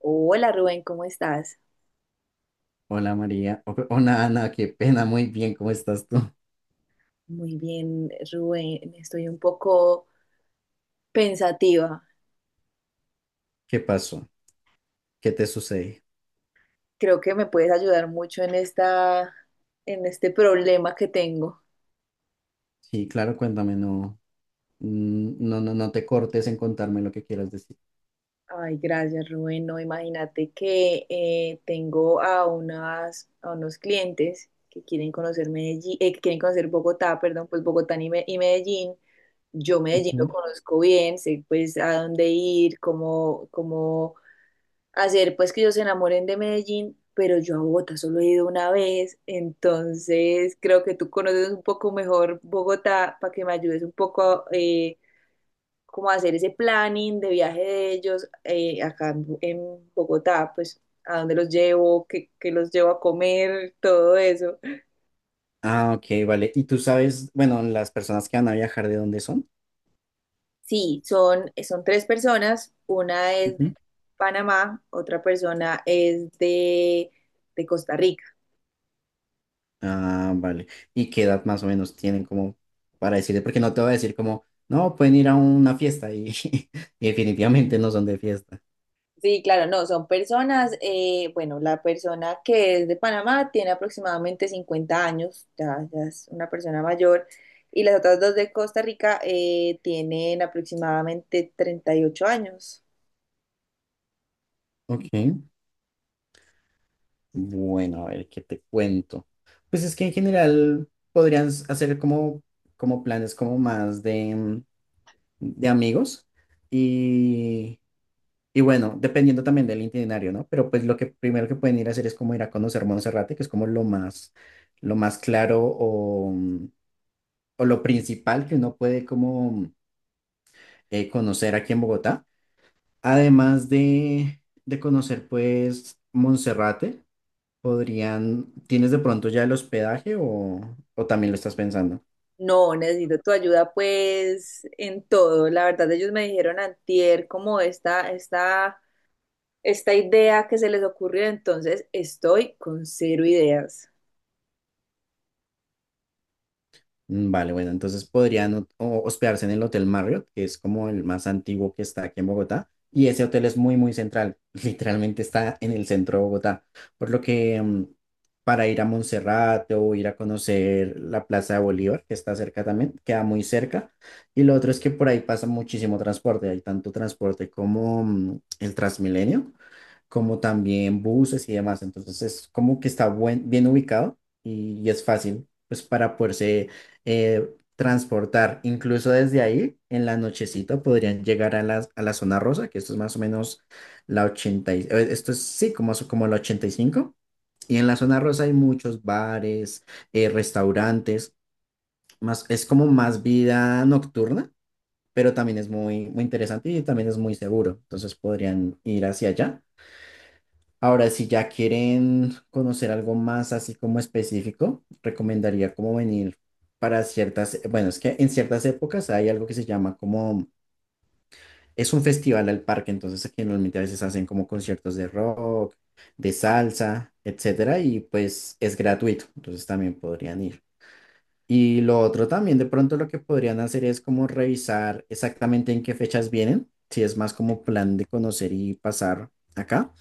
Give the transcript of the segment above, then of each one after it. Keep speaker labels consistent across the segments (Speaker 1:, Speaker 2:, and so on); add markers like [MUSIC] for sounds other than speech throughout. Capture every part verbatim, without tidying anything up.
Speaker 1: Hola Rubén, ¿cómo estás?
Speaker 2: Hola María, O- hola Ana, qué pena, muy bien, ¿cómo estás tú?
Speaker 1: Muy bien, Rubén, estoy un poco pensativa.
Speaker 2: ¿Qué pasó? ¿Qué te sucede?
Speaker 1: Creo que me puedes ayudar mucho en esta, en este problema que tengo.
Speaker 2: Sí, claro, cuéntame, no, mm, no, no, no te cortes en contarme lo que quieras decir.
Speaker 1: Ay, gracias, Rubén. No, imagínate que eh, tengo a unas, a unos clientes que quieren conocer Medellín, eh, que quieren conocer Bogotá, perdón, pues Bogotá y, Me- y Medellín. Yo Medellín lo
Speaker 2: Ujú.
Speaker 1: conozco bien, sé pues a dónde ir, cómo, cómo hacer pues que ellos se enamoren de Medellín, pero yo a Bogotá solo he ido una vez, entonces creo que tú conoces un poco mejor Bogotá para que me ayudes un poco eh, como a hacer ese planning de viaje de ellos eh, acá en, Bo- en Bogotá, pues a dónde los llevo, qué, qué los llevo a comer, todo eso.
Speaker 2: Ah, ok, vale. ¿Y tú sabes, bueno, las personas que van a viajar de dónde son?
Speaker 1: Sí, son, son tres personas, una es de
Speaker 2: Ujú.
Speaker 1: Panamá, otra persona es de de Costa Rica.
Speaker 2: Ah, vale. ¿Y qué edad más o menos tienen como para decirte? Porque no te voy a decir como, no, pueden ir a una fiesta y, [LAUGHS] y definitivamente no son de fiesta.
Speaker 1: Sí, claro, no, son personas, eh, bueno, la persona que es de Panamá tiene aproximadamente cincuenta años, ya, ya es una persona mayor, y las otras dos de Costa Rica eh, tienen aproximadamente treinta y ocho años.
Speaker 2: Ok. Bueno, a ver, ¿qué te cuento? Pues es que en general podrían s- hacer como, como planes como más de, mm, de amigos y, y bueno, dependiendo también del itinerario, ¿no? Pero pues lo que primero que pueden ir a hacer es como ir a conocer Monserrate, que es como lo más, lo más claro o, mm, o lo principal que uno puede como eh, conocer aquí en Bogotá. Además de, de conocer pues Monserrate. Podrían, ¿tienes de pronto ya el hospedaje o, o también lo estás pensando?
Speaker 1: No, necesito tu ayuda pues en todo. La verdad, ellos me dijeron antier como esta, esta, esta idea que se les ocurrió, entonces estoy con cero ideas.
Speaker 2: Mm, Vale, bueno, entonces podrían ho- o- hospedarse en el Hotel Marriott, que es como el más antiguo que está aquí en Bogotá. Y ese hotel es muy, muy central. [LAUGHS] Literalmente está en el centro de Bogotá. Por lo que mm, para ir a Monserrate o ir a conocer la Plaza de Bolívar, que está cerca también, queda muy cerca. Y lo otro es que por ahí pasa muchísimo transporte. Hay tanto transporte como mm, el Transmilenio. Como también buses y demás. Entonces es como que está buen- bien ubicado y, y es fácil pues para poderse eh, transportar. Incluso desde ahí, en la nochecita, podrían llegar a la, a la zona rosa, que esto es más o menos la ochenta y- eh, esto es sí, como, so- como la ochenta y cinco y cinco. Y en la zona rosa hay muchos bares, eh, restaurantes, más, es como más vida nocturna, pero también es muy, muy interesante y también es muy seguro. Entonces podrían ir hacia allá. Ahora, si ya quieren conocer algo más así como específico, recomendaría como venir para ciertas, bueno, es que en ciertas épocas hay algo que se llama como, es un festival al parque, entonces aquí normalmente a veces hacen como conciertos de rock, de salsa, etcétera, y pues es gratuito, entonces también podrían ir. Y lo otro también, de pronto lo que podrían hacer es como revisar exactamente en qué fechas vienen, si es más como plan de conocer y pasar acá.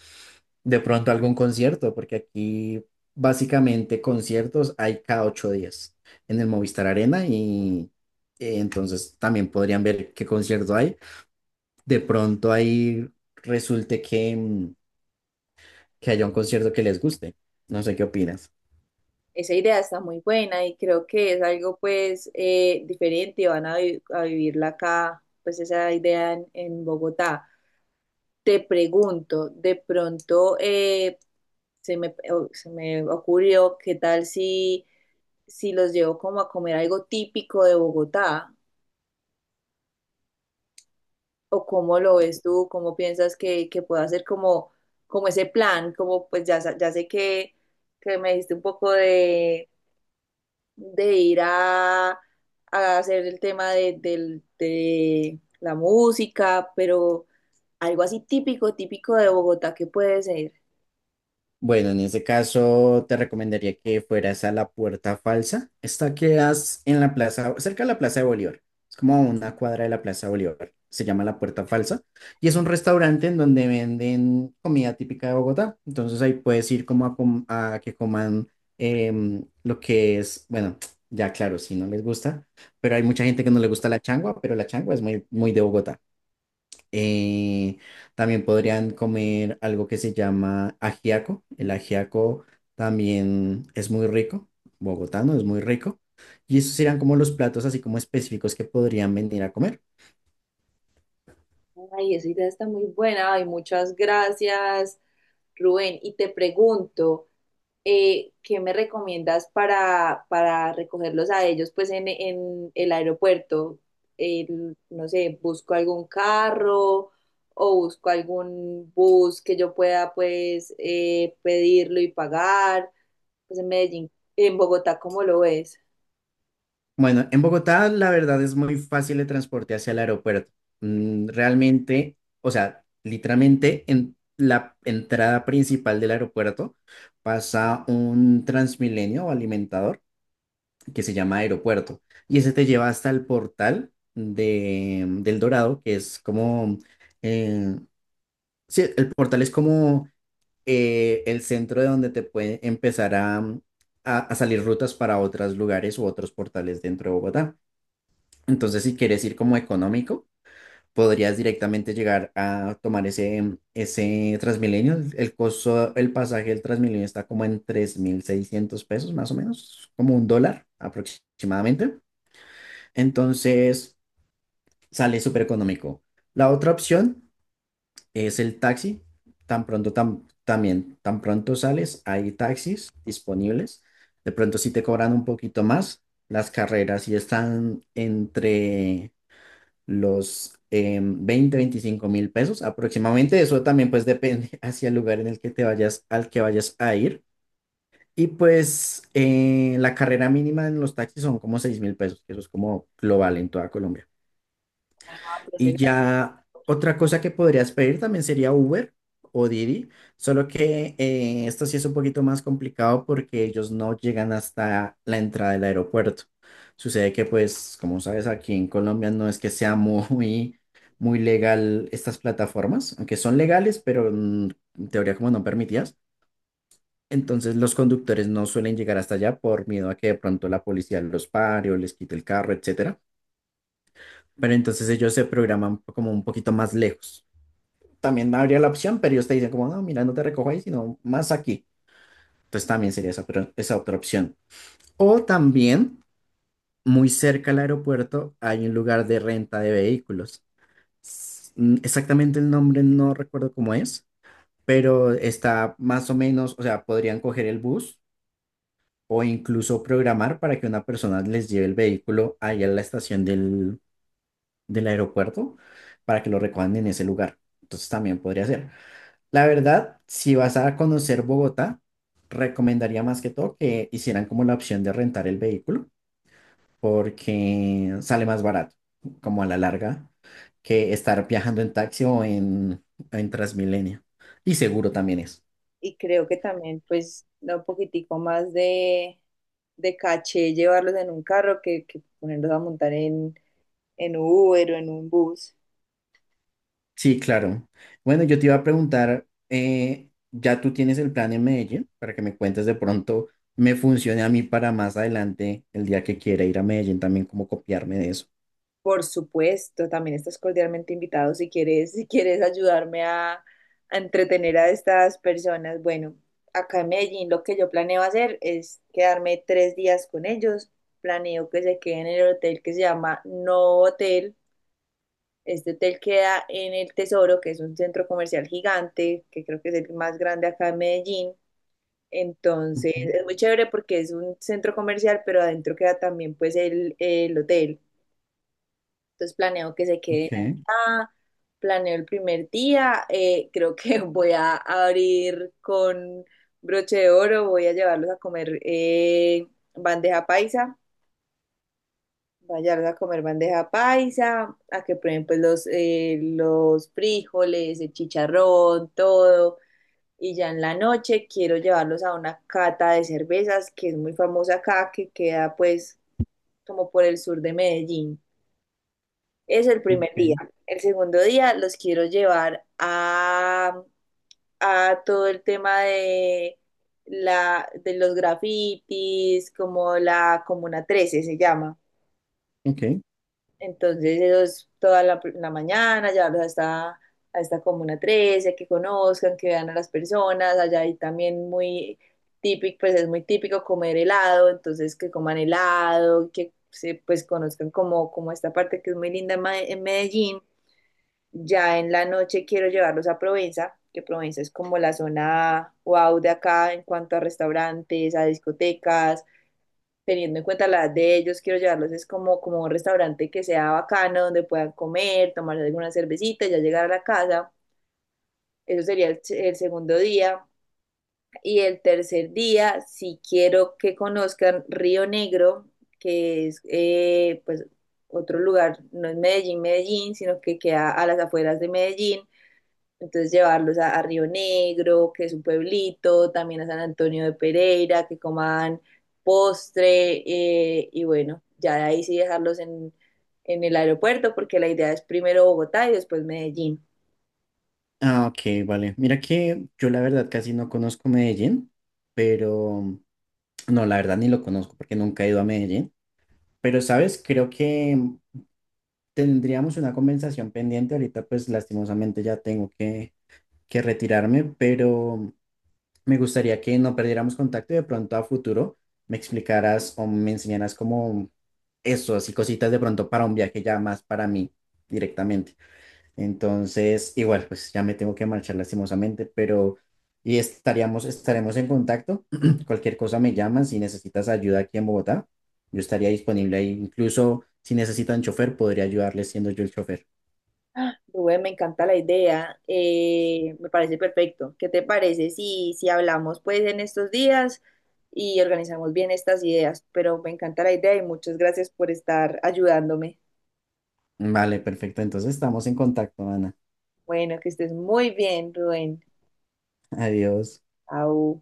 Speaker 2: De pronto algún concierto, porque aquí básicamente conciertos hay cada ocho días en el Movistar Arena y eh, entonces también podrían ver qué concierto hay. De pronto ahí resulte que, mm, que haya un concierto que les guste. No sé qué opinas.
Speaker 1: Esa idea está muy buena y creo que es algo pues eh, diferente, van a, vi- a vivirla acá, pues esa idea en, en Bogotá. Te pregunto, de pronto eh, se me, o- se me ocurrió, ¿qué tal si, si los llevo como a comer algo típico de Bogotá? ¿O cómo lo ves tú? ¿Cómo piensas que, que pueda ser como, como ese plan? Como pues ya, sa- ya sé que, que me diste un poco de de ir a, a hacer el tema de, del- de la música, pero algo así típico, típico de Bogotá que puede ser.
Speaker 2: Bueno, en ese caso te recomendaría que fueras a la Puerta Falsa. Esta quedas en la plaza, cerca de la Plaza de Bolívar. Es como a una cuadra de la Plaza de Bolívar. Se llama la Puerta Falsa y es un restaurante en donde venden comida típica de Bogotá. Entonces ahí puedes ir como a, com- a que coman em, lo que es, bueno, [TSK] ya claro, si no les gusta, pero hay mucha gente que no le gusta la changua, pero la changua es muy, muy de Bogotá. Eh, También podrían comer algo que se llama ajiaco. El ajiaco también es muy rico, bogotano es muy rico. Y esos serían como los platos así como específicos que podrían venir a comer.
Speaker 1: Ay, esa idea está muy buena. Ay, muchas gracias, Rubén. Y te pregunto, eh, ¿qué me recomiendas para, para recogerlos a ellos pues en, en el aeropuerto? El- no sé, busco algún carro o busco algún bus que yo pueda pues eh, pedirlo y pagar. Pues en Medellín, en Bogotá, ¿cómo lo ves?
Speaker 2: Bueno, en Bogotá la verdad es muy fácil el transporte hacia el aeropuerto. Mm, realmente, o sea, literalmente en la entrada principal del aeropuerto pasa un Transmilenio o alimentador que se llama Aeropuerto. Y ese te lleva hasta el portal de, mm, del Dorado, que es como, eh, sí, el portal es como eh, el centro de donde te puede empezar a, mm, a, a salir rutas para otros lugares u otros portales dentro de Bogotá. Entonces, si quieres ir como económico, podrías directamente llegar a tomar ese, mm, ese Transmilenio. El el costo, el pasaje del Transmilenio está como en tres mil seiscientos pesos, más o menos, como un dólar aproximadamente. Entonces sale súper económico. La otra opción es el taxi. Tan pronto, tam- también, tan pronto sales, hay taxis disponibles. De pronto sí te cobran un poquito más. Las carreras sí están entre los em, veinte, veinticinco mil pesos aproximadamente. Eso también pues depende [LAUGHS] hacia el lugar en el que te vayas, al que vayas a ir. Y pues eh, la carrera mínima en los taxis son como seis mil pesos, que eso es como global en toda Colombia.
Speaker 1: Ah, pues,
Speaker 2: Y ya otra cosa que podrías pedir también sería Uber o Didi, solo que eh, esto sí es un poquito más complicado porque ellos no llegan hasta la entrada del aeropuerto. Sucede que pues, como sabes, aquí en Colombia no es que sea [LAUGHS] muy, muy legal estas plataformas, aunque son legales, pero mm, en teoría como no permitidas. Entonces los conductores no suelen llegar hasta allá por miedo a que de pronto la policía los pare o les quite el carro, etcétera. Pero entonces ellos se programan como un poquito más lejos. También habría la opción, pero ellos te dicen como, no, mira, no te recojo ahí, sino más aquí. Entonces también sería esa, pero esa otra opción. O también, muy cerca al aeropuerto, hay un lugar de renta de vehículos. S- mm, Exactamente el nombre no recuerdo cómo es, pero está más o menos, o sea, podrían coger el bus o incluso programar para que una persona les lleve el vehículo ahí a la estación del, del aeropuerto para que lo recojan en ese lugar. Entonces también podría ser. La verdad, si vas a conocer Bogotá, recomendaría más que todo que hicieran como la opción de rentar el vehículo, porque sale más barato, como a la larga, que estar viajando en taxi o en, en Transmilenio. Y seguro también es.
Speaker 1: y creo que también pues da un poquitico más de, de caché llevarlos en un carro que, que ponerlos a montar en, en Uber o en un bus.
Speaker 2: Sí, claro. Bueno, yo te iba a preguntar, eh, ya tú tienes el plan en Medellín, para que me cuentes de pronto, me funcione a mí para más adelante, el día que quiera ir a Medellín, también como copiarme de eso.
Speaker 1: Por supuesto, también estás cordialmente invitado si quieres, [LAUGHS] si quieres ayudarme a, a entretener a estas personas. Bueno, acá en Medellín lo que yo planeo hacer es quedarme tres días con ellos. Planeo que se queden en el hotel que se llama No Hotel. Este hotel queda en El Tesoro, que es un centro comercial gigante, que creo que es el más grande acá en Medellín. Entonces,
Speaker 2: Ujú.
Speaker 1: es muy chévere porque es un centro comercial, pero adentro queda también pues el, el hotel. Entonces, planeo que se queden
Speaker 2: Ok,
Speaker 1: acá, planeo el primer día, eh, creo que [LAUGHS] voy a abrir con broche de oro, voy a llevarlos a comer eh, bandeja paisa Vallarta a comer bandeja paisa, a que prueben pues los, eh, los frijoles, el chicharrón, todo. Y ya en la noche quiero llevarlos a una cata de cervezas que es muy famosa acá, que queda pues como por el sur de Medellín. Es el primer día.
Speaker 2: ok,
Speaker 1: El segundo día los quiero llevar a, a todo el tema de, la, de los grafitis, como la Comuna Trece se llama.
Speaker 2: ok.
Speaker 1: Entonces, ellos toda la, la mañana, llevarlos hasta, a esta Comuna trece, que conozcan, que vean a las personas. Allá hay también muy típico, pues es muy típico comer helado, entonces que coman helado, que se, pues conozcan como, como esta parte que es muy linda en Ma- en Medellín. Ya en la noche quiero llevarlos a Provenza, que Provenza es como la zona wow de acá en cuanto a restaurantes, a discotecas teniendo en cuenta la edad de ellos, quiero llevarlos es como, como un restaurante que sea bacano, donde puedan comer, tomar alguna cervecita, ya llegar a la casa. Eso sería el, se- el segundo día. Y el tercer día, si quiero que conozcan Río Negro, que es eh, pues otro lugar, no es Medellín, Medellín, sino que queda a las afueras de Medellín. Entonces llevarlos a, a Río Negro, que es un pueblito, también a San Antonio de Pereira, que coman postre eh, y bueno, ya de ahí sí dejarlos en, en el aeropuerto porque la idea es primero Bogotá y después Medellín.
Speaker 2: Ah, ok, vale. Mira que yo la verdad casi no conozco Medellín, pero no, la verdad ni lo conozco porque nunca he ido a Medellín. Pero, ¿sabes? Creo que tendríamos una conversación pendiente. Ahorita pues lastimosamente ya tengo que, que retirarme, pero me gustaría que no perdiéramos contacto y de pronto a futuro me explicaras o me enseñaras como eso, así cositas de pronto para un viaje ya más para mí directamente. Entonces, igual, pues ya me tengo que marchar lastimosamente, pero y estaríamos, estaremos en contacto. [CLEARS THROAT] Cualquier cosa me llaman si necesitas ayuda aquí en Bogotá. Yo estaría disponible ahí. Incluso si necesitan chofer, podría ayudarles siendo yo el chofer.
Speaker 1: Rubén, me encanta la idea, eh, me parece perfecto. ¿Qué te parece si, si hablamos pues en estos días y organizamos bien estas ideas? Pero me encanta la idea y muchas gracias por estar ayudándome.
Speaker 2: Vale, perfecto. Entonces estamos en contacto, Ana.
Speaker 1: Bueno, que estés muy bien, Rubén.
Speaker 2: [LAUGHS] Adiós.
Speaker 1: Au.